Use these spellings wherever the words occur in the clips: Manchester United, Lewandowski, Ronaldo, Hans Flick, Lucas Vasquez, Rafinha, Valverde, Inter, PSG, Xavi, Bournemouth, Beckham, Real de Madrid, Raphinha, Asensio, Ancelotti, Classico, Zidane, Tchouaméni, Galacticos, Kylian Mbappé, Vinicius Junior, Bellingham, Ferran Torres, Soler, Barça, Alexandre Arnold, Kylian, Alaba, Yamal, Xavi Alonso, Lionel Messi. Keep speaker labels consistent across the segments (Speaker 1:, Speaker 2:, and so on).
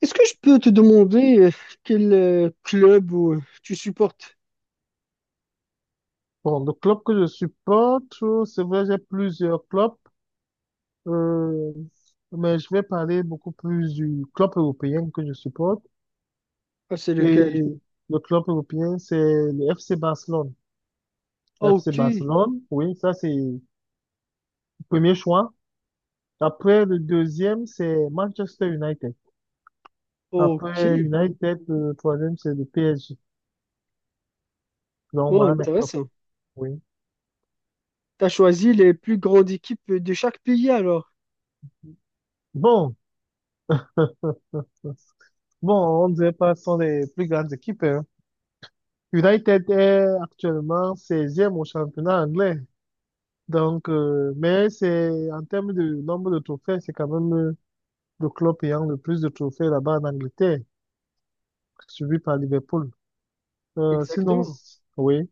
Speaker 1: Est-ce que je peux te demander quel club tu supportes?
Speaker 2: Bon, le club que je supporte, c'est vrai, j'ai plusieurs clubs, euh, mais je vais parler beaucoup plus du club européen que je supporte.
Speaker 1: Ah, c'est
Speaker 2: Et
Speaker 1: lequel?
Speaker 2: le club européen, c'est le FC Barcelone.
Speaker 1: Ah,
Speaker 2: Le FC
Speaker 1: Ok,
Speaker 2: Barcelone, oui, ça c'est le premier choix. Après, le deuxième, c'est Manchester United. Après
Speaker 1: ok.
Speaker 2: United, le troisième, c'est le PSG. Donc,
Speaker 1: Oh,
Speaker 2: voilà mes clubs.
Speaker 1: intéressant.
Speaker 2: Oui.
Speaker 1: T'as choisi les plus grandes équipes de chaque pays alors?
Speaker 2: Bon, bon, on ne dirait pas ce sont les plus grandes équipes, hein. United est actuellement seizième au championnat anglais. Donc, mais c'est en termes de nombre de trophées, c'est quand même le club ayant le plus de trophées là-bas en Angleterre, suivi par Liverpool. Sinon,
Speaker 1: Exactement.
Speaker 2: s- Oui.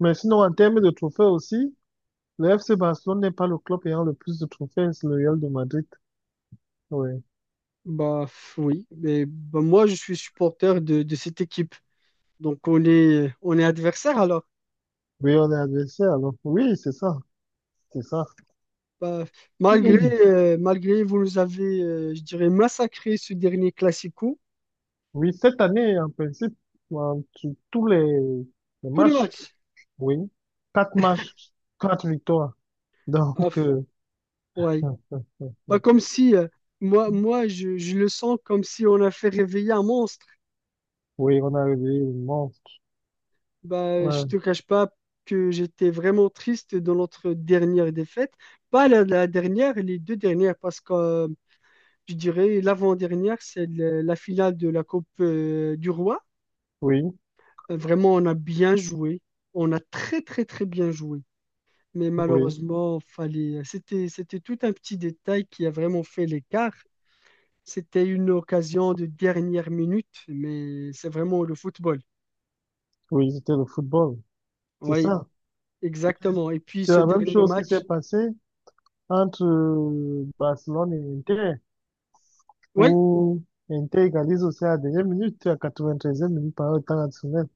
Speaker 2: Mais sinon, en termes de trophées aussi, le FC Barcelone n'est pas le club ayant le plus de trophées, c'est le Real de Madrid. Oui.
Speaker 1: Bah, oui, mais bah, moi je suis supporter de cette équipe. Donc on est adversaire alors.
Speaker 2: Oui, on est adversaire, alors. Oui, c'est ça. C'est ça.
Speaker 1: Bah, malgré malgré vous nous avez je dirais massacré ce dernier Classico
Speaker 2: Oui, cette année, en principe, sur tous les
Speaker 1: tous les
Speaker 2: matchs.
Speaker 1: matchs.
Speaker 2: Oui, quatre matchs, quatre victoires.
Speaker 1: Ah,
Speaker 2: Donc,
Speaker 1: ouais. Bah, comme si, moi je le sens comme si on a fait réveiller un monstre.
Speaker 2: oui, on a réveillé le monstre.
Speaker 1: Bah, je
Speaker 2: Ouais.
Speaker 1: te cache pas que j'étais vraiment triste dans notre dernière défaite. Pas la dernière, les deux dernières, parce que je dirais l'avant-dernière, c'est la finale de la Coupe du Roi.
Speaker 2: Oui,
Speaker 1: Vraiment, on a bien joué. On a très, très, très bien joué. Mais
Speaker 2: oui,
Speaker 1: malheureusement, c'était tout un petit détail qui a vraiment fait l'écart. C'était une occasion de dernière minute, mais c'est vraiment le football.
Speaker 2: oui, c'était le football. C'est
Speaker 1: Oui,
Speaker 2: ça.
Speaker 1: exactement. Et puis
Speaker 2: C'est
Speaker 1: ce
Speaker 2: la même
Speaker 1: dernier
Speaker 2: chose qui s'est
Speaker 1: match,
Speaker 2: passée entre Barcelone et Inter,
Speaker 1: oui,
Speaker 2: où Inter égalise aussi à la dernière minute, à la 93e minute par le temps additionnel.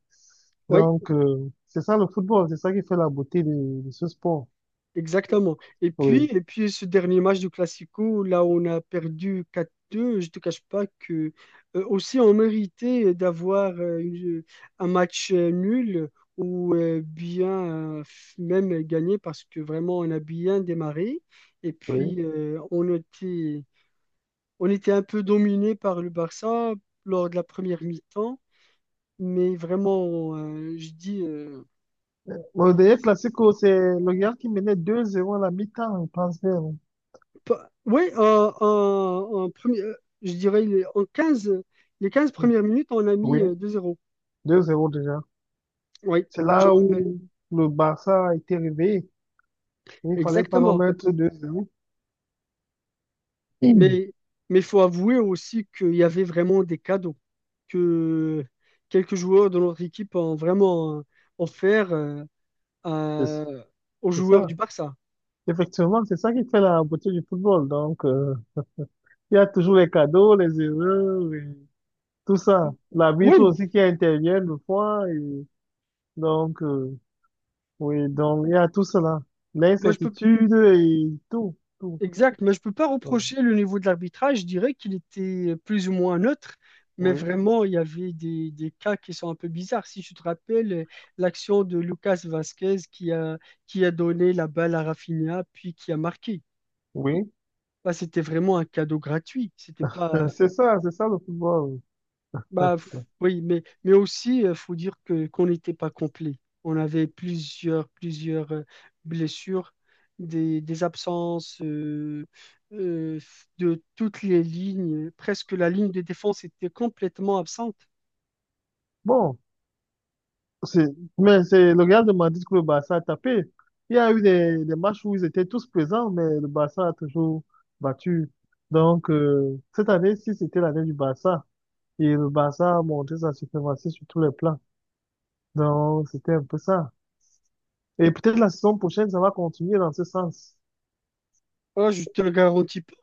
Speaker 1: oui,
Speaker 2: Donc, c'est ça le football, c'est ça qui fait la beauté de ce sport.
Speaker 1: exactement. Et puis,
Speaker 2: Oui,
Speaker 1: et puis ce dernier match du Classico, là où on a perdu 4-2, je ne te cache pas que aussi on méritait d'avoir un match nul ou bien même gagné parce que vraiment on a bien démarré. Et
Speaker 2: oui.
Speaker 1: puis on était un peu dominé par le Barça lors de la première mi-temps, mais vraiment, je dis,
Speaker 2: Bon, le dernier classico, c'est le Real qui menait 2-0 à la mi-temps, je pense bien.
Speaker 1: ouais, en premier, je dirais les 15 premières minutes, on a mis
Speaker 2: Oui,
Speaker 1: 2-0.
Speaker 2: deux zéro déjà.
Speaker 1: Oui,
Speaker 2: C'est
Speaker 1: je me
Speaker 2: là
Speaker 1: rappelle.
Speaker 2: où le Barça a été réveillé. Il ne fallait pas en
Speaker 1: Exactement.
Speaker 2: mettre deux zéro. Mm.
Speaker 1: Mais mais faut avouer aussi qu'il y avait vraiment des cadeaux que quelques joueurs de notre équipe ont vraiment offert
Speaker 2: C'est
Speaker 1: à- aux
Speaker 2: c'est
Speaker 1: joueurs
Speaker 2: ça.
Speaker 1: du Barça.
Speaker 2: Effectivement, c'est ça qui fait la beauté du football. Donc, il y a toujours les cadeaux, les erreurs, et tout ça. L'arbitre
Speaker 1: Oui,
Speaker 2: aussi qui intervient le fois. Et donc, oui, donc il y a tout cela.
Speaker 1: moi je peux.
Speaker 2: L'incertitude et tout, tout.
Speaker 1: Exact, mais je peux pas
Speaker 2: Donc,
Speaker 1: reprocher le niveau de l'arbitrage. Je dirais qu'il était plus ou moins neutre, mais
Speaker 2: oui,
Speaker 1: vraiment, il y avait des cas qui sont un peu bizarres. Si tu te rappelles l'action de Lucas Vasquez qui a donné la balle à Rafinha, puis qui a marqué.
Speaker 2: oui.
Speaker 1: Bah, c'était vraiment un cadeau gratuit. C'était pas,
Speaker 2: C'est ça le football.
Speaker 1: Bah, oui, mais aussi, il faut dire que qu'on n'était pas complet. On avait plusieurs blessures, des absences euh, de toutes les lignes. Presque la ligne de défense était complètement absente.
Speaker 2: Bon. C'est- Mais c'est le Real de Madrid que le Barça a tapé. Il y a eu des matchs où ils étaient tous présents, mais le Barça a toujours battu. Donc, cette année, si c'était l'année du Barça, et le Barça a montré sa suprématie sur tous les plans. Donc, c'était un peu ça. Et peut-être la saison prochaine, ça va continuer dans ce sens.
Speaker 1: Ah, je te le garantis pas.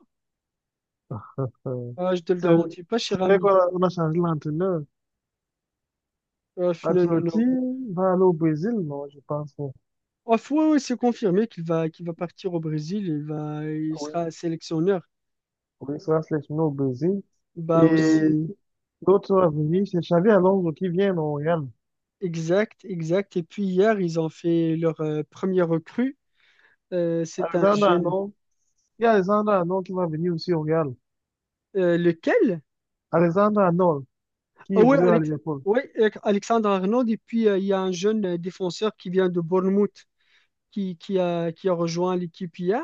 Speaker 2: Euh,
Speaker 1: Ah, je te le
Speaker 2: c'est
Speaker 1: garantis pas, cher
Speaker 2: c'est vrai qu'
Speaker 1: ami.
Speaker 2: on a changé l'entraîneur.
Speaker 1: Ah, non, non, non.
Speaker 2: Ancelotti va aller au Brésil, non, je pense.
Speaker 1: Ah, ouais, ouais, c'est confirmé qu'il va partir au Brésil. Il
Speaker 2: Oui.
Speaker 1: sera sélectionneur.
Speaker 2: Oui, ça se laisse nous au Brésil.
Speaker 1: Bah aussi,
Speaker 2: Et l'autre va venir, c'est Xavi Alonso qui vient au Real.
Speaker 1: exact, exact. Et puis hier, ils ont fait leur premier recrue. C'est un
Speaker 2: Alexandre
Speaker 1: jeune.
Speaker 2: Arnold, il y a Alexandre Arnold qui va venir aussi au Real.
Speaker 1: Lequel?
Speaker 2: Alexandre Arnold qui
Speaker 1: Ah oui,
Speaker 2: évolue à Liverpool.
Speaker 1: Ouais, Alexandre Arnold. Et puis, il y a un jeune défenseur qui vient de Bournemouth qui a rejoint l'équipe hier.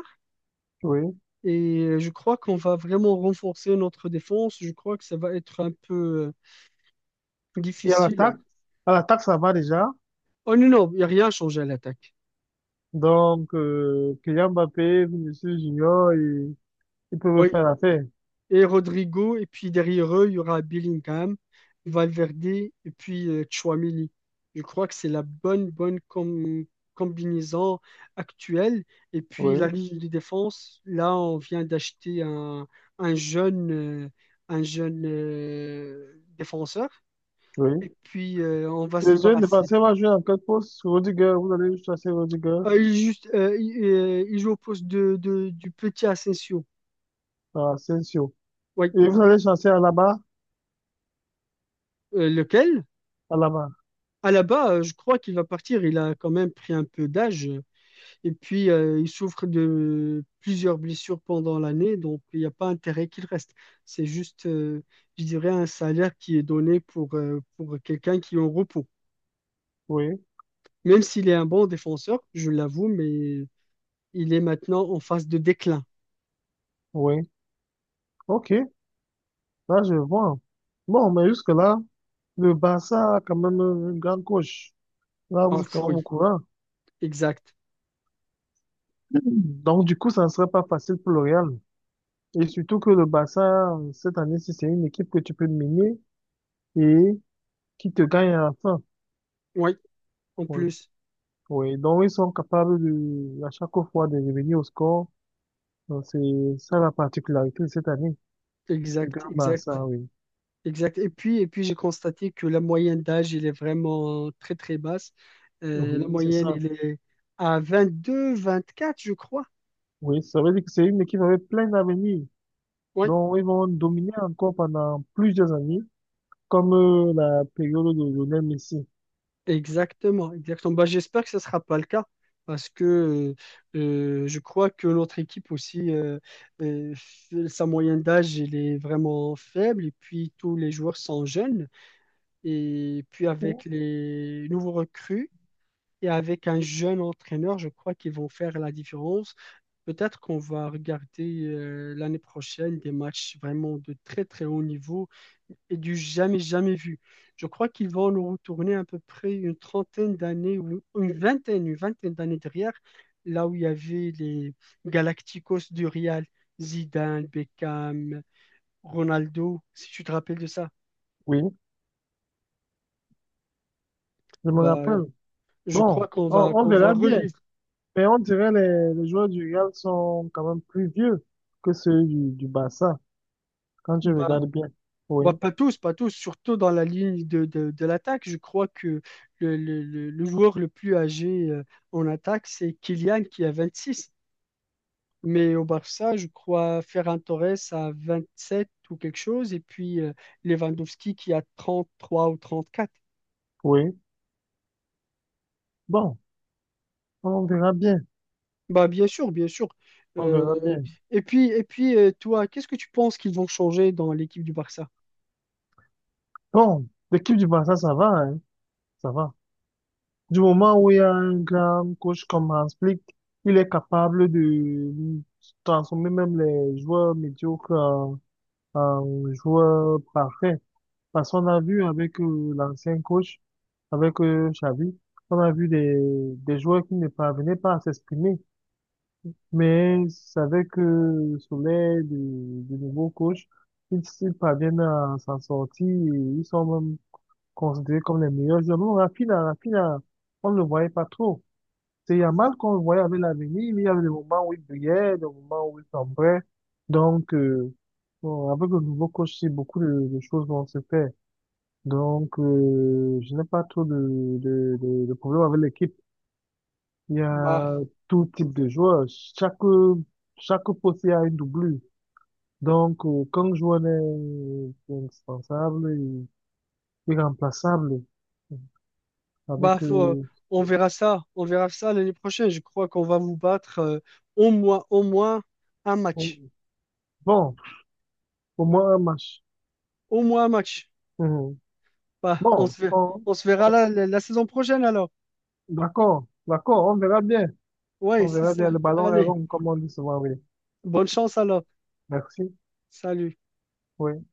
Speaker 2: Oui.
Speaker 1: Et je crois qu'on va vraiment renforcer notre défense. Je crois que ça va être un peu
Speaker 2: Et
Speaker 1: difficile.
Speaker 2: à l'attaque, ça va déjà.
Speaker 1: Oh non, non, il n'y a rien changé à l'attaque.
Speaker 2: Donc, Kylian Mbappé, Vinicius Junior, ils peuvent
Speaker 1: Oui,
Speaker 2: faire l'affaire.
Speaker 1: et Rodrigo. Et puis derrière eux, il y aura Bellingham, Valverde et puis Tchouaméni. Je crois que c'est la bonne combinaison actuelle. Et puis la
Speaker 2: Oui,
Speaker 1: ligne de défense, là, on vient d'acheter un jeune, euh, un jeune défenseur.
Speaker 2: oui.
Speaker 1: Et puis, on va se
Speaker 2: Les jeunes
Speaker 1: débarrasser.
Speaker 2: défenseurs vont jouer en quatre postes. Rudiger, vous allez chasser Rudiger,
Speaker 1: Ah, il, est juste, il joue au poste du petit Asensio.
Speaker 2: Asensio.
Speaker 1: Oui.
Speaker 2: Et vous allez chasser Alaba,
Speaker 1: Lequel?
Speaker 2: Alaba.
Speaker 1: Alaba, je crois qu'il va partir. Il a quand même pris un peu d'âge. Et puis, il souffre de plusieurs blessures pendant l'année. Donc, il n'y a pas intérêt qu'il reste. C'est juste, je dirais, un salaire qui est donné pour quelqu'un qui est en repos.
Speaker 2: Oui,
Speaker 1: Même s'il est un bon défenseur, je l'avoue, mais il est maintenant en phase de déclin.
Speaker 2: oui. OK. Là, je vois. Bon, mais jusque-là, le Barça a quand même un grand coach. Là,
Speaker 1: Ah,
Speaker 2: vous êtes quand même au
Speaker 1: oui,
Speaker 2: courant.
Speaker 1: exact.
Speaker 2: Donc, du coup, ça ne serait pas facile pour le Real. Et surtout que le Barça, cette année, si c'est une équipe que tu peux mener et qui te gagne à la fin.
Speaker 1: Oui, en
Speaker 2: Oui,
Speaker 1: plus.
Speaker 2: oui. Donc, ils sont capables de, à chaque fois de revenir au score. Donc, c'est ça la particularité de cette année du
Speaker 1: Exact,
Speaker 2: grand
Speaker 1: exact.
Speaker 2: Barça, oui.
Speaker 1: Exact. Et puis, j'ai constaté que la moyenne d'âge, elle est vraiment très, très basse. La
Speaker 2: Oui, c'est
Speaker 1: moyenne,
Speaker 2: ça.
Speaker 1: elle est à 22, 24, je crois.
Speaker 2: Oui, ça veut dire que c'est une équipe avec plein d'avenir.
Speaker 1: Oui,
Speaker 2: Donc, ils vont dominer encore pendant plusieurs années, comme la période de Lionel Messi.
Speaker 1: exactement. Exactement. Bah, j'espère que ce ne sera pas le cas parce que je crois que notre équipe aussi, sa moyenne d'âge, elle est vraiment faible. Et puis, tous les joueurs sont jeunes. Et puis, avec
Speaker 2: Ou-
Speaker 1: les nouveaux recrues, et avec un jeune entraîneur, je crois qu'ils vont faire la différence. Peut-être qu'on va regarder l'année prochaine des matchs vraiment de très très haut niveau et du jamais jamais vu. Je crois qu'ils vont nous retourner à peu près une trentaine d'années ou une vingtaine d'années derrière, là où il y avait les Galacticos du Real, Zidane, Beckham, Ronaldo, si tu te rappelles de ça.
Speaker 2: Oui, je me
Speaker 1: Bah,
Speaker 2: rappelle.
Speaker 1: je
Speaker 2: Bon,
Speaker 1: crois qu'on va
Speaker 2: on
Speaker 1: qu'on va
Speaker 2: verra bien.
Speaker 1: revivre.
Speaker 2: Mais on dirait les joueurs du Real sont quand même plus vieux que ceux du Barça, quand je
Speaker 1: Bah,
Speaker 2: regarde bien. Oui,
Speaker 1: Bah, pas tous, pas tous, surtout dans la ligne de l'attaque. Je crois que le joueur le plus âgé en attaque, c'est Kylian qui a 26. Mais au Barça, je crois Ferran Torres a 27 ou quelque chose, et puis Lewandowski qui a 33 ou 34.
Speaker 2: oui. Bon, on verra bien.
Speaker 1: Bah, bien sûr, bien sûr.
Speaker 2: On verra
Speaker 1: Euh,
Speaker 2: bien.
Speaker 1: et puis, toi, qu'est-ce que tu penses qu'ils vont changer dans l'équipe du Barça?
Speaker 2: Bon, l'équipe du Barça, ça va, hein, ça va. Du moment où il y a un grand coach comme Hans Flick, il est capable de transformer même les joueurs médiocres en, en joueurs parfaits. Parce qu'on a vu avec l'ancien coach, avec Xavi, on a vu des joueurs qui ne parvenaient pas à s'exprimer. Mais c'est avec Soler, du nouveau coach, ils parviennent à s'en sortir. Et ils sont même considérés comme les meilleurs joueurs. Non, Raphinha, on ne le voyait pas trop. C'est Yamal qu'on voyait avec l'avenir, mais il y avait des moments où il brillait, des moments où il sombrait. Donc, bon, avec le nouveau coach, c'est beaucoup de choses vont se faire. Donc, je n'ai pas trop de problème avec l'équipe. Il y
Speaker 1: Bah,
Speaker 2: a tout type de joueurs. Chaque, chaque poste, il y a une doublure. Donc, quand le joueur est indispensable et irremplaçable,
Speaker 1: bah
Speaker 2: avec,
Speaker 1: faut- euh, on verra ça. On verra ça l'année prochaine. Je crois qu'on va vous battre au moins un match.
Speaker 2: on- bon, au moins un match.
Speaker 1: Au moins un match.
Speaker 2: Mhm.
Speaker 1: Bah, on
Speaker 2: Bon,
Speaker 1: se verra,
Speaker 2: bon,
Speaker 1: on se verra la saison prochaine alors.
Speaker 2: d'accord, d'accord, on verra bien.
Speaker 1: Ouais,
Speaker 2: On
Speaker 1: c'est
Speaker 2: verra bien.
Speaker 1: ça.
Speaker 2: Le ballon est
Speaker 1: Allez,
Speaker 2: rond, comme on dit souvent, oui.
Speaker 1: bonne chance alors.
Speaker 2: Merci.
Speaker 1: Salut.
Speaker 2: Oui.